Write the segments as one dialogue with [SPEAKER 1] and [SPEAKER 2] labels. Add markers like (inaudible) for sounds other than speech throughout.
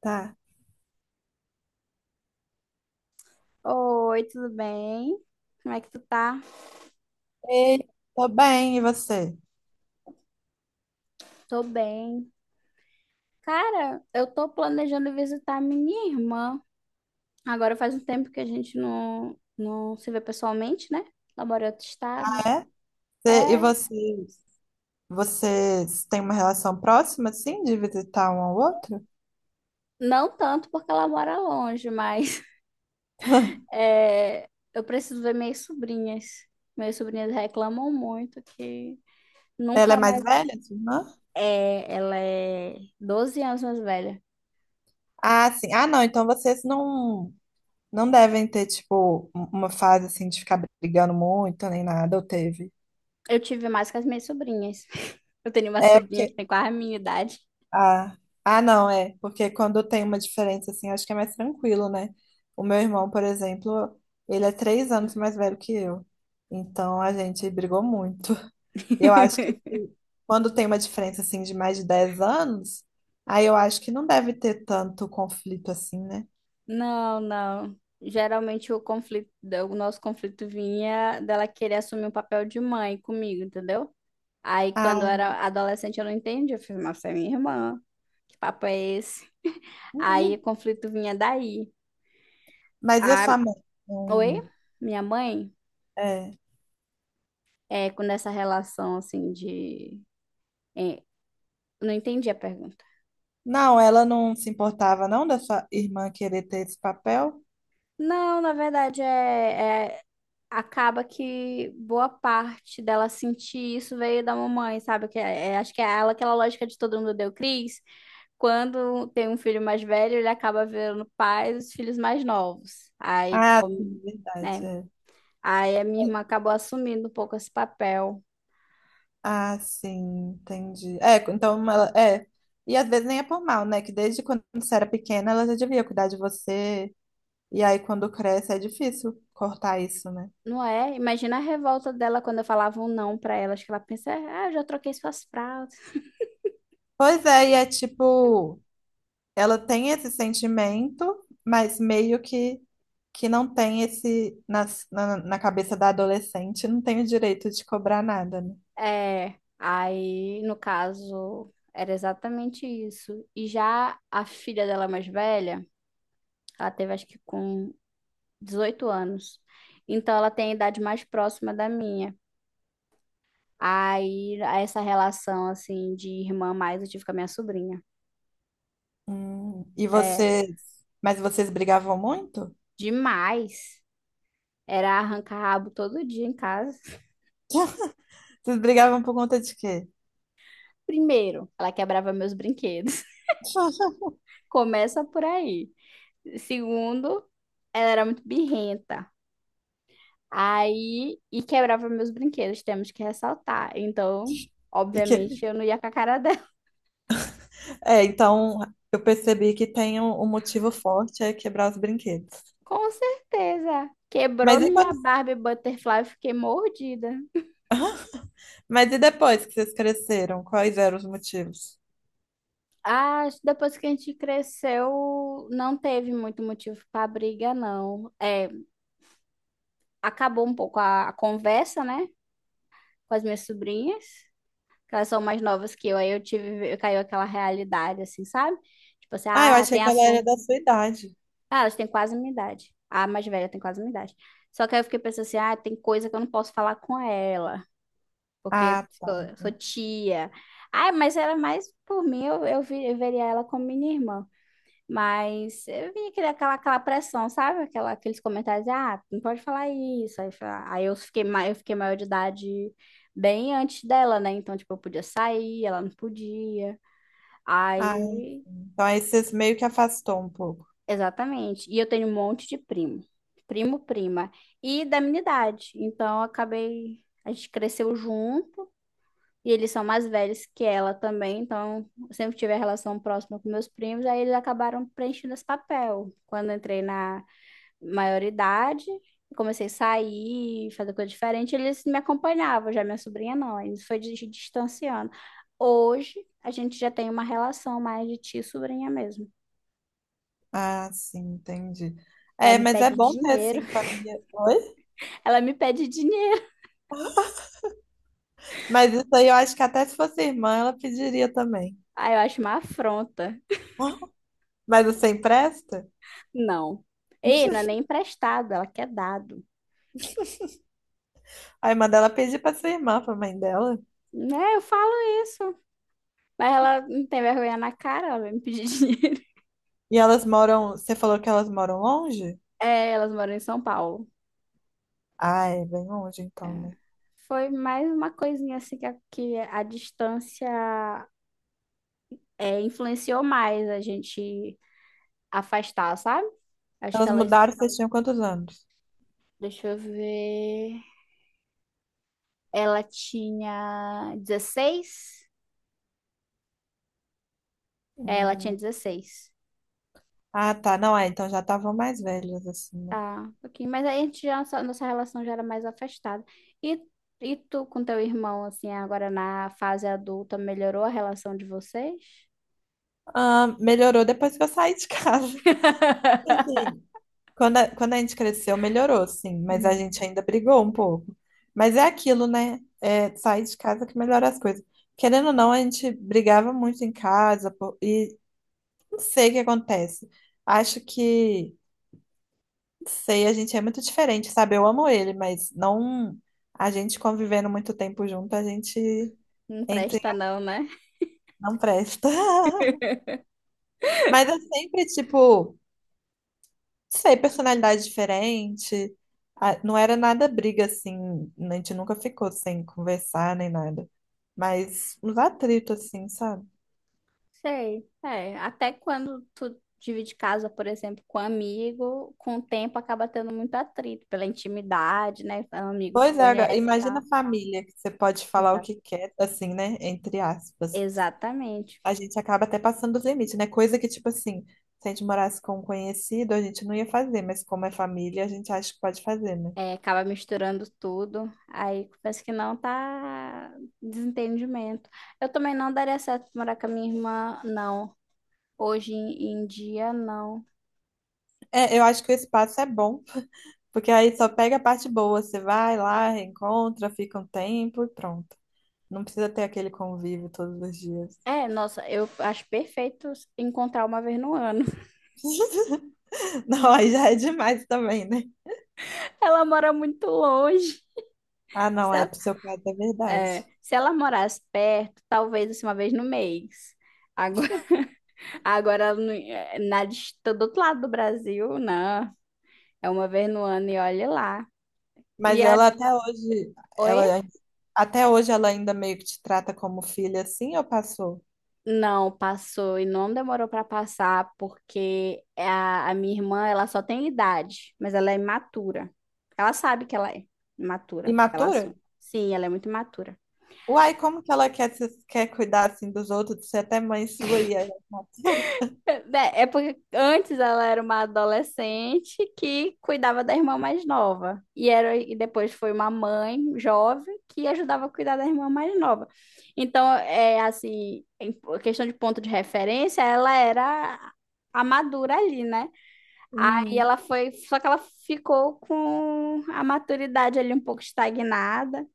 [SPEAKER 1] Tá.
[SPEAKER 2] Oi, tudo bem? Como é que tu tá?
[SPEAKER 1] Ei, tô bem, e você?
[SPEAKER 2] Tô bem. Cara, eu tô planejando visitar minha irmã. Agora faz um tempo que a gente não se vê pessoalmente, né? Ela mora em outro estado.
[SPEAKER 1] É?
[SPEAKER 2] É,
[SPEAKER 1] E vocês, têm uma relação próxima, assim, de visitar um ao outro?
[SPEAKER 2] não tanto porque ela mora longe, mas (laughs) é, eu preciso ver minhas sobrinhas. Minhas sobrinhas reclamam muito que
[SPEAKER 1] Ela é
[SPEAKER 2] nunca
[SPEAKER 1] mais
[SPEAKER 2] mais.
[SPEAKER 1] velha, sua irmã?
[SPEAKER 2] É, ela é 12 anos mais velha.
[SPEAKER 1] Ah, sim. Ah, não, então vocês não devem ter, tipo, uma fase, assim, de ficar brigando muito, nem nada, ou teve?
[SPEAKER 2] Eu tive mais com as minhas sobrinhas. (laughs) Eu tenho uma
[SPEAKER 1] É,
[SPEAKER 2] sobrinha que
[SPEAKER 1] porque...
[SPEAKER 2] tem quase a minha idade.
[SPEAKER 1] Ah, ah, não, é. Porque quando tem uma diferença, assim, acho que é mais tranquilo, né? O meu irmão, por exemplo, ele é três anos mais velho que eu. Então, a gente brigou muito. Eu acho que
[SPEAKER 2] (laughs)
[SPEAKER 1] quando tem uma diferença assim de mais de 10 anos, aí eu acho que não deve ter tanto conflito assim, né?
[SPEAKER 2] Não, não. Geralmente o nosso conflito vinha dela querer assumir um papel de mãe comigo, entendeu? Aí quando eu
[SPEAKER 1] Ah,
[SPEAKER 2] era adolescente eu não entendi, eu fiz, mas você é minha irmã, que papo é esse? Aí o
[SPEAKER 1] uhum.
[SPEAKER 2] conflito vinha daí.
[SPEAKER 1] Mas e a
[SPEAKER 2] A,
[SPEAKER 1] sua mãe?
[SPEAKER 2] Oi,
[SPEAKER 1] Não,
[SPEAKER 2] minha mãe,
[SPEAKER 1] é.
[SPEAKER 2] é com essa relação assim de é, não entendi a pergunta.
[SPEAKER 1] Não, ela não se importava não da sua irmã querer ter esse papel?
[SPEAKER 2] Não, na verdade acaba que boa parte dela sentir isso veio da mamãe, sabe? Que acho que é ela, aquela lógica de todo mundo deu Cris. Quando tem um filho mais velho, ele acaba vendo pais os filhos mais novos. Aí,
[SPEAKER 1] Ah, sim,
[SPEAKER 2] como,
[SPEAKER 1] verdade.
[SPEAKER 2] né?
[SPEAKER 1] É.
[SPEAKER 2] Aí a minha irmã acabou assumindo um pouco esse papel.
[SPEAKER 1] Ah, sim, entendi. É, então ela, é. E às vezes nem é por mal, né? Que desde quando você era pequena ela já devia cuidar de você. E aí quando cresce é difícil cortar isso, né?
[SPEAKER 2] Não é? Imagina a revolta dela quando eu falava um não pra ela. Acho que ela pensa, ah, eu já troquei suas fraldas. (laughs)
[SPEAKER 1] Pois é, e é tipo, ela tem esse sentimento, mas meio que não tem esse, na cabeça da adolescente, não tem o direito de cobrar nada, né?
[SPEAKER 2] É, aí no caso era exatamente isso. E já a filha dela mais velha ela teve, acho que com 18 anos. Então, ela tem a idade mais próxima da minha. Aí, essa relação, assim, de irmã mais, eu tive com a minha sobrinha.
[SPEAKER 1] E
[SPEAKER 2] É,
[SPEAKER 1] vocês, mas vocês brigavam muito?
[SPEAKER 2] demais. Era arrancar rabo todo dia em casa. (laughs)
[SPEAKER 1] Vocês brigavam por conta de quê?
[SPEAKER 2] Primeiro, ela quebrava meus brinquedos.
[SPEAKER 1] (laughs)
[SPEAKER 2] (laughs) Começa por aí. Segundo, ela era muito birrenta. Aí, e quebrava meus brinquedos, temos que ressaltar. Então,
[SPEAKER 1] E que,
[SPEAKER 2] obviamente, eu não ia com a cara.
[SPEAKER 1] é, então eu percebi que tem um, um motivo forte é quebrar os brinquedos.
[SPEAKER 2] Com certeza. Quebrou
[SPEAKER 1] Mas e
[SPEAKER 2] minha
[SPEAKER 1] quando,
[SPEAKER 2] Barbie Butterfly, eu fiquei mordida.
[SPEAKER 1] mas e depois que vocês cresceram, quais eram os motivos?
[SPEAKER 2] Ah, acho que depois que a gente cresceu, não teve muito motivo para briga, não. É, acabou um pouco a conversa, né, com as minhas sobrinhas, que elas são mais novas que eu, aí eu caiu aquela realidade, assim, sabe? Tipo assim,
[SPEAKER 1] Ah, eu
[SPEAKER 2] ah,
[SPEAKER 1] achei
[SPEAKER 2] tem
[SPEAKER 1] que ela era
[SPEAKER 2] assunto.
[SPEAKER 1] da sua idade.
[SPEAKER 2] Ah, elas têm quase minha idade. A mais velha tem quase minha idade. Só que aí eu fiquei pensando assim, ah, tem coisa que eu não posso falar com ela, porque
[SPEAKER 1] Ah,
[SPEAKER 2] sou tia. Ai, mas era mais por mim, eu veria ela como minha irmã. Mas eu vinha aquela pressão, sabe? Aqueles comentários, ah, não pode falar isso. Aí, eu fiquei, eu fiquei maior de idade bem antes dela, né? Então, tipo, eu podia sair, ela não podia.
[SPEAKER 1] ah, sim,
[SPEAKER 2] Aí,
[SPEAKER 1] então aí você meio que afastou um pouco.
[SPEAKER 2] exatamente. E eu tenho um monte de primo. Primo, prima. E da minha idade. Então, eu acabei, a gente cresceu junto. E eles são mais velhos que ela também, então eu sempre tive a relação próxima com meus primos, aí eles acabaram preenchendo esse papel. Quando eu entrei na maioridade, comecei a sair, fazer coisa diferente, eles me acompanhavam, já minha sobrinha não, eles foi se distanciando. Hoje a gente já tem uma relação mais de tia e sobrinha mesmo.
[SPEAKER 1] Ah, sim, entendi.
[SPEAKER 2] Ela
[SPEAKER 1] É,
[SPEAKER 2] me
[SPEAKER 1] mas é
[SPEAKER 2] pede
[SPEAKER 1] bom ter
[SPEAKER 2] dinheiro,
[SPEAKER 1] assim família. Oi?
[SPEAKER 2] (laughs) ela me pede dinheiro.
[SPEAKER 1] Mas isso aí eu acho que até se fosse irmã, ela pediria também.
[SPEAKER 2] Aí eu acho uma afronta.
[SPEAKER 1] Mas você empresta?
[SPEAKER 2] Não. Ei, não é
[SPEAKER 1] (laughs)
[SPEAKER 2] nem emprestado, ela quer dado.
[SPEAKER 1] Aí manda ela pedir pra sua irmã, pra mãe dela.
[SPEAKER 2] Né, eu falo isso. Mas ela não tem vergonha na cara, ela vai me pedir (laughs) dinheiro.
[SPEAKER 1] E elas moram. Você falou que elas moram longe?
[SPEAKER 2] É, elas moram em São Paulo.
[SPEAKER 1] Ah, é bem longe então, né?
[SPEAKER 2] Foi mais uma coisinha assim que a distância, influenciou mais a gente afastar, sabe? Acho que
[SPEAKER 1] Elas
[SPEAKER 2] elas.
[SPEAKER 1] mudaram, vocês tinham quantos anos?
[SPEAKER 2] Deixa eu ver. Ela tinha 16? É, ela tinha
[SPEAKER 1] Hum,
[SPEAKER 2] 16.
[SPEAKER 1] Ah, tá. Não, é, então já estavam mais velhas, assim, né?
[SPEAKER 2] Tá, um pouquinho. Mas aí a gente já, nossa, nossa relação já era mais afastada. E, e tu com teu irmão, assim, agora na fase adulta, melhorou a relação de vocês?
[SPEAKER 1] Ah, melhorou depois que eu saí de casa.
[SPEAKER 2] (laughs)
[SPEAKER 1] (laughs) Assim, quando quando a gente cresceu, melhorou, sim, mas a
[SPEAKER 2] Hum.
[SPEAKER 1] gente ainda brigou um pouco. Mas é aquilo, né? É sair de casa que melhora as coisas. Querendo ou não, a gente brigava muito em casa, pô, e não sei o que acontece. Acho que, não sei, a gente é muito diferente, sabe? Eu amo ele, mas não. A gente convivendo muito tempo junto, a gente
[SPEAKER 2] Não
[SPEAKER 1] entra em
[SPEAKER 2] presta não, né?
[SPEAKER 1] não presta. (laughs) Mas eu sempre, tipo, sei, personalidade diferente. Ah, não era nada briga assim, a gente nunca ficou sem conversar nem nada. Mas uns atritos assim, sabe?
[SPEAKER 2] Sei. É, até quando tu divide casa, por exemplo, com um amigo, com o tempo acaba tendo muito atrito pela intimidade, né? O amigo te
[SPEAKER 1] Pois é, agora,
[SPEAKER 2] conhece e
[SPEAKER 1] imagina
[SPEAKER 2] tal.
[SPEAKER 1] a família, que você pode falar o
[SPEAKER 2] Exa-
[SPEAKER 1] que quer, assim, né? Entre aspas.
[SPEAKER 2] Exatamente.
[SPEAKER 1] A gente acaba até passando dos limites, né? Coisa que, tipo assim, se a gente morasse com um conhecido, a gente não ia fazer, mas como é família, a gente acha que pode fazer, né?
[SPEAKER 2] É, acaba misturando tudo. Aí parece que não tá desentendimento. Eu também não daria certo morar com a minha irmã, não. Hoje em dia, não.
[SPEAKER 1] É, eu acho que o espaço é bom, porque aí só pega a parte boa, você vai lá, reencontra, fica um tempo e pronto. Não precisa ter aquele convívio todos os dias.
[SPEAKER 2] É, nossa, eu acho perfeito encontrar uma vez no ano.
[SPEAKER 1] (laughs) Não, aí já é demais também, né?
[SPEAKER 2] (laughs) Ela mora muito longe.
[SPEAKER 1] Ah, não,
[SPEAKER 2] Se
[SPEAKER 1] é
[SPEAKER 2] ela,
[SPEAKER 1] psicopata, é verdade.
[SPEAKER 2] se ela morasse perto, talvez assim, uma vez no mês. Agora, (laughs) agora ela não- é, na, dist- do outro lado do Brasil, não. É uma vez no ano e olha lá. E
[SPEAKER 1] Mas
[SPEAKER 2] a,
[SPEAKER 1] ela até hoje, ela
[SPEAKER 2] oi?
[SPEAKER 1] até hoje ela ainda meio que te trata como filha assim, ou passou?
[SPEAKER 2] Não, passou e não demorou para passar, porque a minha irmã, ela só tem idade, mas ela é imatura. Ela sabe que ela é imatura, ela
[SPEAKER 1] Imatura?
[SPEAKER 2] assume. Sim, ela é muito imatura.
[SPEAKER 1] Uai, como que ela quer, quer cuidar assim dos outros, ser até mãe sua e aí... ela mata?
[SPEAKER 2] Porque antes ela era uma adolescente que cuidava da irmã mais nova. E depois foi uma mãe jovem que ajudava a cuidar da irmã mais nova. Então, é assim, questão de ponto de referência, ela era a madura ali, né? Aí
[SPEAKER 1] Uhum.
[SPEAKER 2] ela foi, só que ela ficou com a maturidade ali um pouco estagnada.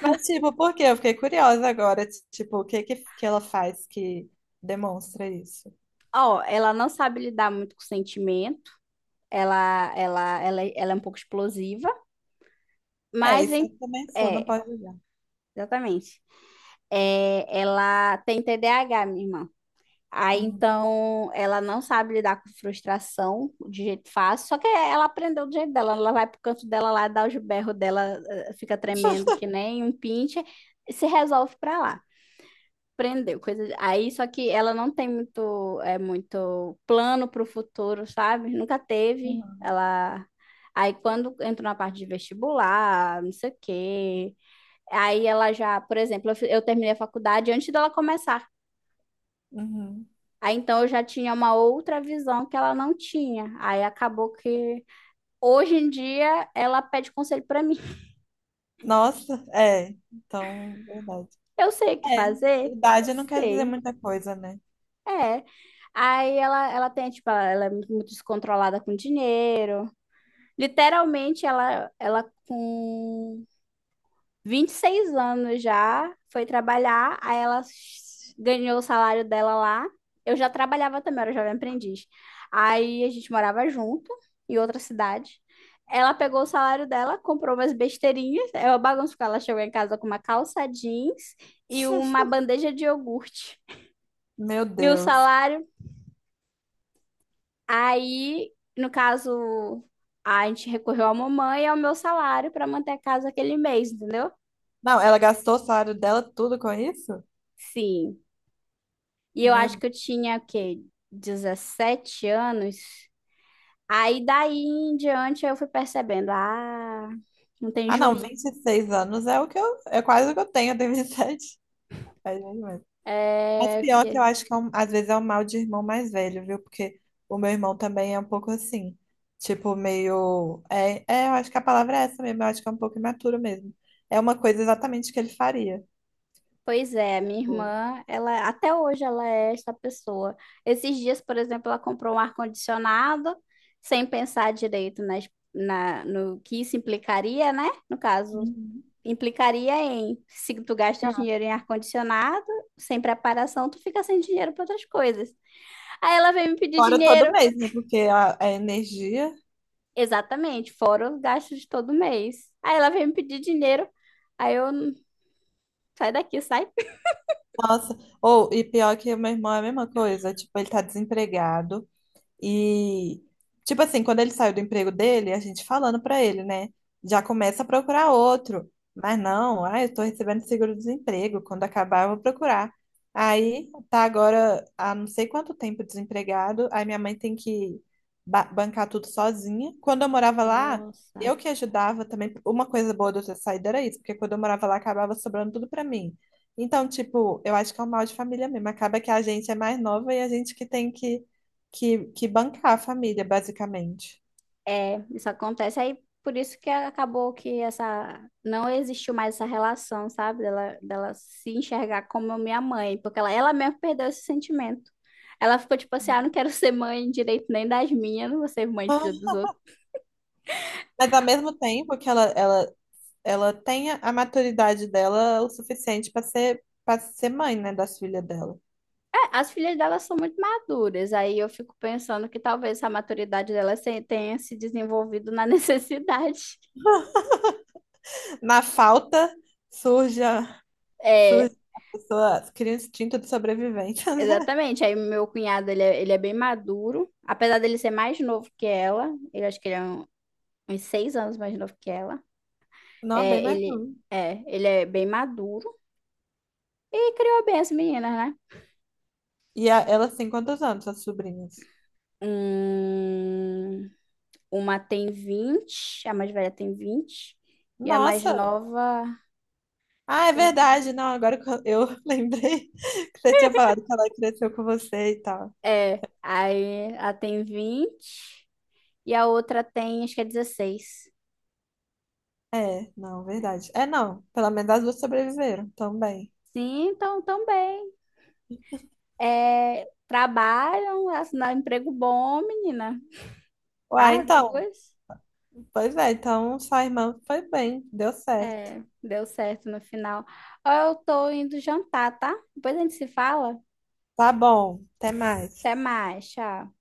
[SPEAKER 1] Mas tipo, por quê? Eu fiquei curiosa agora, tipo, o que que ela faz que demonstra isso?
[SPEAKER 2] Ó, ela não sabe lidar muito com sentimento. Ela é um pouco explosiva,
[SPEAKER 1] É,
[SPEAKER 2] mas
[SPEAKER 1] isso
[SPEAKER 2] vem
[SPEAKER 1] eu também sou, não
[SPEAKER 2] é,
[SPEAKER 1] pode julgar.
[SPEAKER 2] exatamente. É, ela tem TDAH minha irmã. Aí
[SPEAKER 1] Uhum.
[SPEAKER 2] então ela não sabe lidar com frustração de jeito fácil, só que ela aprendeu do jeito dela. Ela vai pro canto dela lá, dá os berros dela, fica tremendo
[SPEAKER 1] (laughs)
[SPEAKER 2] que nem um pinche, e se resolve pra lá. Aprendeu coisa. Aí só que ela não tem muito, é muito plano pro futuro, sabe? Nunca teve.
[SPEAKER 1] Uhum.
[SPEAKER 2] Ela. Aí quando entrou na parte de vestibular, não sei o quê, aí ela já, por exemplo, eu terminei a faculdade antes dela começar.
[SPEAKER 1] Uhum.
[SPEAKER 2] Aí então eu já tinha uma outra visão que ela não tinha. Aí acabou que hoje em dia ela pede conselho pra mim. (laughs)
[SPEAKER 1] Nossa, é. Então, verdade.
[SPEAKER 2] Eu sei o que fazer?
[SPEAKER 1] É,
[SPEAKER 2] Não
[SPEAKER 1] idade não quer dizer
[SPEAKER 2] sei.
[SPEAKER 1] muita coisa, né?
[SPEAKER 2] É. Aí ela tem, tipo, ela é muito descontrolada com dinheiro. Literalmente, ela com 26 anos já, foi trabalhar, aí ela ganhou o salário dela lá. Eu já trabalhava também, era jovem aprendiz. Aí a gente morava junto, em outra cidade. Ela pegou o salário dela, comprou umas besteirinhas. É uma bagunça, porque ela chegou em casa com uma calça jeans e uma bandeja de iogurte.
[SPEAKER 1] Meu
[SPEAKER 2] E o
[SPEAKER 1] Deus.
[SPEAKER 2] salário, aí, no caso, a gente recorreu à mamãe e ao meu salário para manter a casa aquele mês, entendeu?
[SPEAKER 1] Não, ela gastou o salário dela tudo com isso?
[SPEAKER 2] Sim. E eu acho
[SPEAKER 1] Meu...
[SPEAKER 2] que eu tinha, o quê? 17 anos. Aí daí em diante eu fui percebendo, ah, não tem
[SPEAKER 1] Ah, não,
[SPEAKER 2] juiz.
[SPEAKER 1] vinte e seis anos é o que eu, é quase o que eu tenho 27. É é isso mesmo. Mas
[SPEAKER 2] É,
[SPEAKER 1] pior que eu
[SPEAKER 2] porque...
[SPEAKER 1] acho que é às vezes é um mal de irmão mais velho, viu? Porque o meu irmão também é um pouco assim, tipo, meio. É, eu acho que a palavra é essa mesmo, eu acho que é um pouco imaturo mesmo. É uma coisa exatamente que ele faria.
[SPEAKER 2] Pois é, a minha
[SPEAKER 1] Boa.
[SPEAKER 2] irmã, ela até hoje ela é essa pessoa. Esses dias, por exemplo, ela comprou um ar-condicionado sem pensar direito no que isso implicaria, né? No caso,
[SPEAKER 1] Uhum.
[SPEAKER 2] implicaria em se tu gasta o dinheiro em ar-condicionado, sem preparação, tu fica sem dinheiro para outras coisas. Aí ela veio me pedir
[SPEAKER 1] Agora todo
[SPEAKER 2] dinheiro.
[SPEAKER 1] mês, né? Porque a energia.
[SPEAKER 2] Exatamente, fora os gastos de todo mês. Aí ela veio me pedir dinheiro. Aí eu, sai daqui, sai.
[SPEAKER 1] Nossa. Ou, e pior que o meu irmão é a mesma coisa. Tipo, ele tá desempregado. E, tipo assim, quando ele saiu do emprego dele, a gente falando pra ele, né? Já começa a procurar outro. Mas não, ah, eu tô recebendo seguro-desemprego. Quando acabar, eu vou procurar. Aí tá agora há não sei quanto tempo desempregado. Aí minha mãe tem que bancar tudo sozinha. Quando eu morava lá,
[SPEAKER 2] Nossa.
[SPEAKER 1] eu que ajudava também. Uma coisa boa de eu ter saído era isso, porque quando eu morava lá, acabava sobrando tudo pra mim. Então, tipo, eu acho que é um mal de família mesmo. Acaba que a gente é mais nova e a gente que tem que que bancar a família, basicamente.
[SPEAKER 2] É, isso acontece. Aí por isso que acabou que essa, não existiu mais essa relação, sabe? Dela se enxergar como minha mãe, porque ela mesma perdeu esse sentimento. Ela ficou tipo assim, ah, não quero ser mãe direito nem das minhas, não vou ser mãe de filho
[SPEAKER 1] Ah,
[SPEAKER 2] dos outros.
[SPEAKER 1] mas ao mesmo tempo que ela ela tenha a maturidade dela o suficiente para ser mãe, né, das filhas dela.
[SPEAKER 2] É, as filhas delas são muito maduras, aí eu fico pensando que talvez a maturidade delas tenha se desenvolvido na (laughs) necessidade.
[SPEAKER 1] Na falta, surge a,
[SPEAKER 2] É,
[SPEAKER 1] surge a pessoa, cria um instinto de sobrevivência, (laughs) né?
[SPEAKER 2] exatamente. Aí meu cunhado, ele é bem maduro, apesar dele ser mais novo que ela, ele acho que ele é uns 6 anos mais novo que ela.
[SPEAKER 1] Não, bem
[SPEAKER 2] É,
[SPEAKER 1] mais
[SPEAKER 2] ele
[SPEAKER 1] não.
[SPEAKER 2] é, ele é bem maduro e criou bem as meninas, né?
[SPEAKER 1] Elas têm quantos anos, as sobrinhas?
[SPEAKER 2] Hum, uma tem 20 a mais velha tem 20 e a mais
[SPEAKER 1] Nossa!
[SPEAKER 2] nova.
[SPEAKER 1] Ah, é verdade, não, agora que eu (laughs) lembrei que você tinha falado que ela cresceu com você e tal.
[SPEAKER 2] É, aí a tem 20 e a outra tem, acho que é 16.
[SPEAKER 1] É, não, verdade. É, não. Pelo menos as duas sobreviveram também.
[SPEAKER 2] Sim, então também. É, trabalham, assinaram emprego bom, menina.
[SPEAKER 1] Uai,
[SPEAKER 2] As
[SPEAKER 1] então.
[SPEAKER 2] duas.
[SPEAKER 1] Pois é, então sua irmã foi bem, deu certo.
[SPEAKER 2] É, deu certo no final. Ó, eu tô indo jantar, tá? Depois a gente se fala.
[SPEAKER 1] Tá bom, até
[SPEAKER 2] Até
[SPEAKER 1] mais.
[SPEAKER 2] mais, tchau.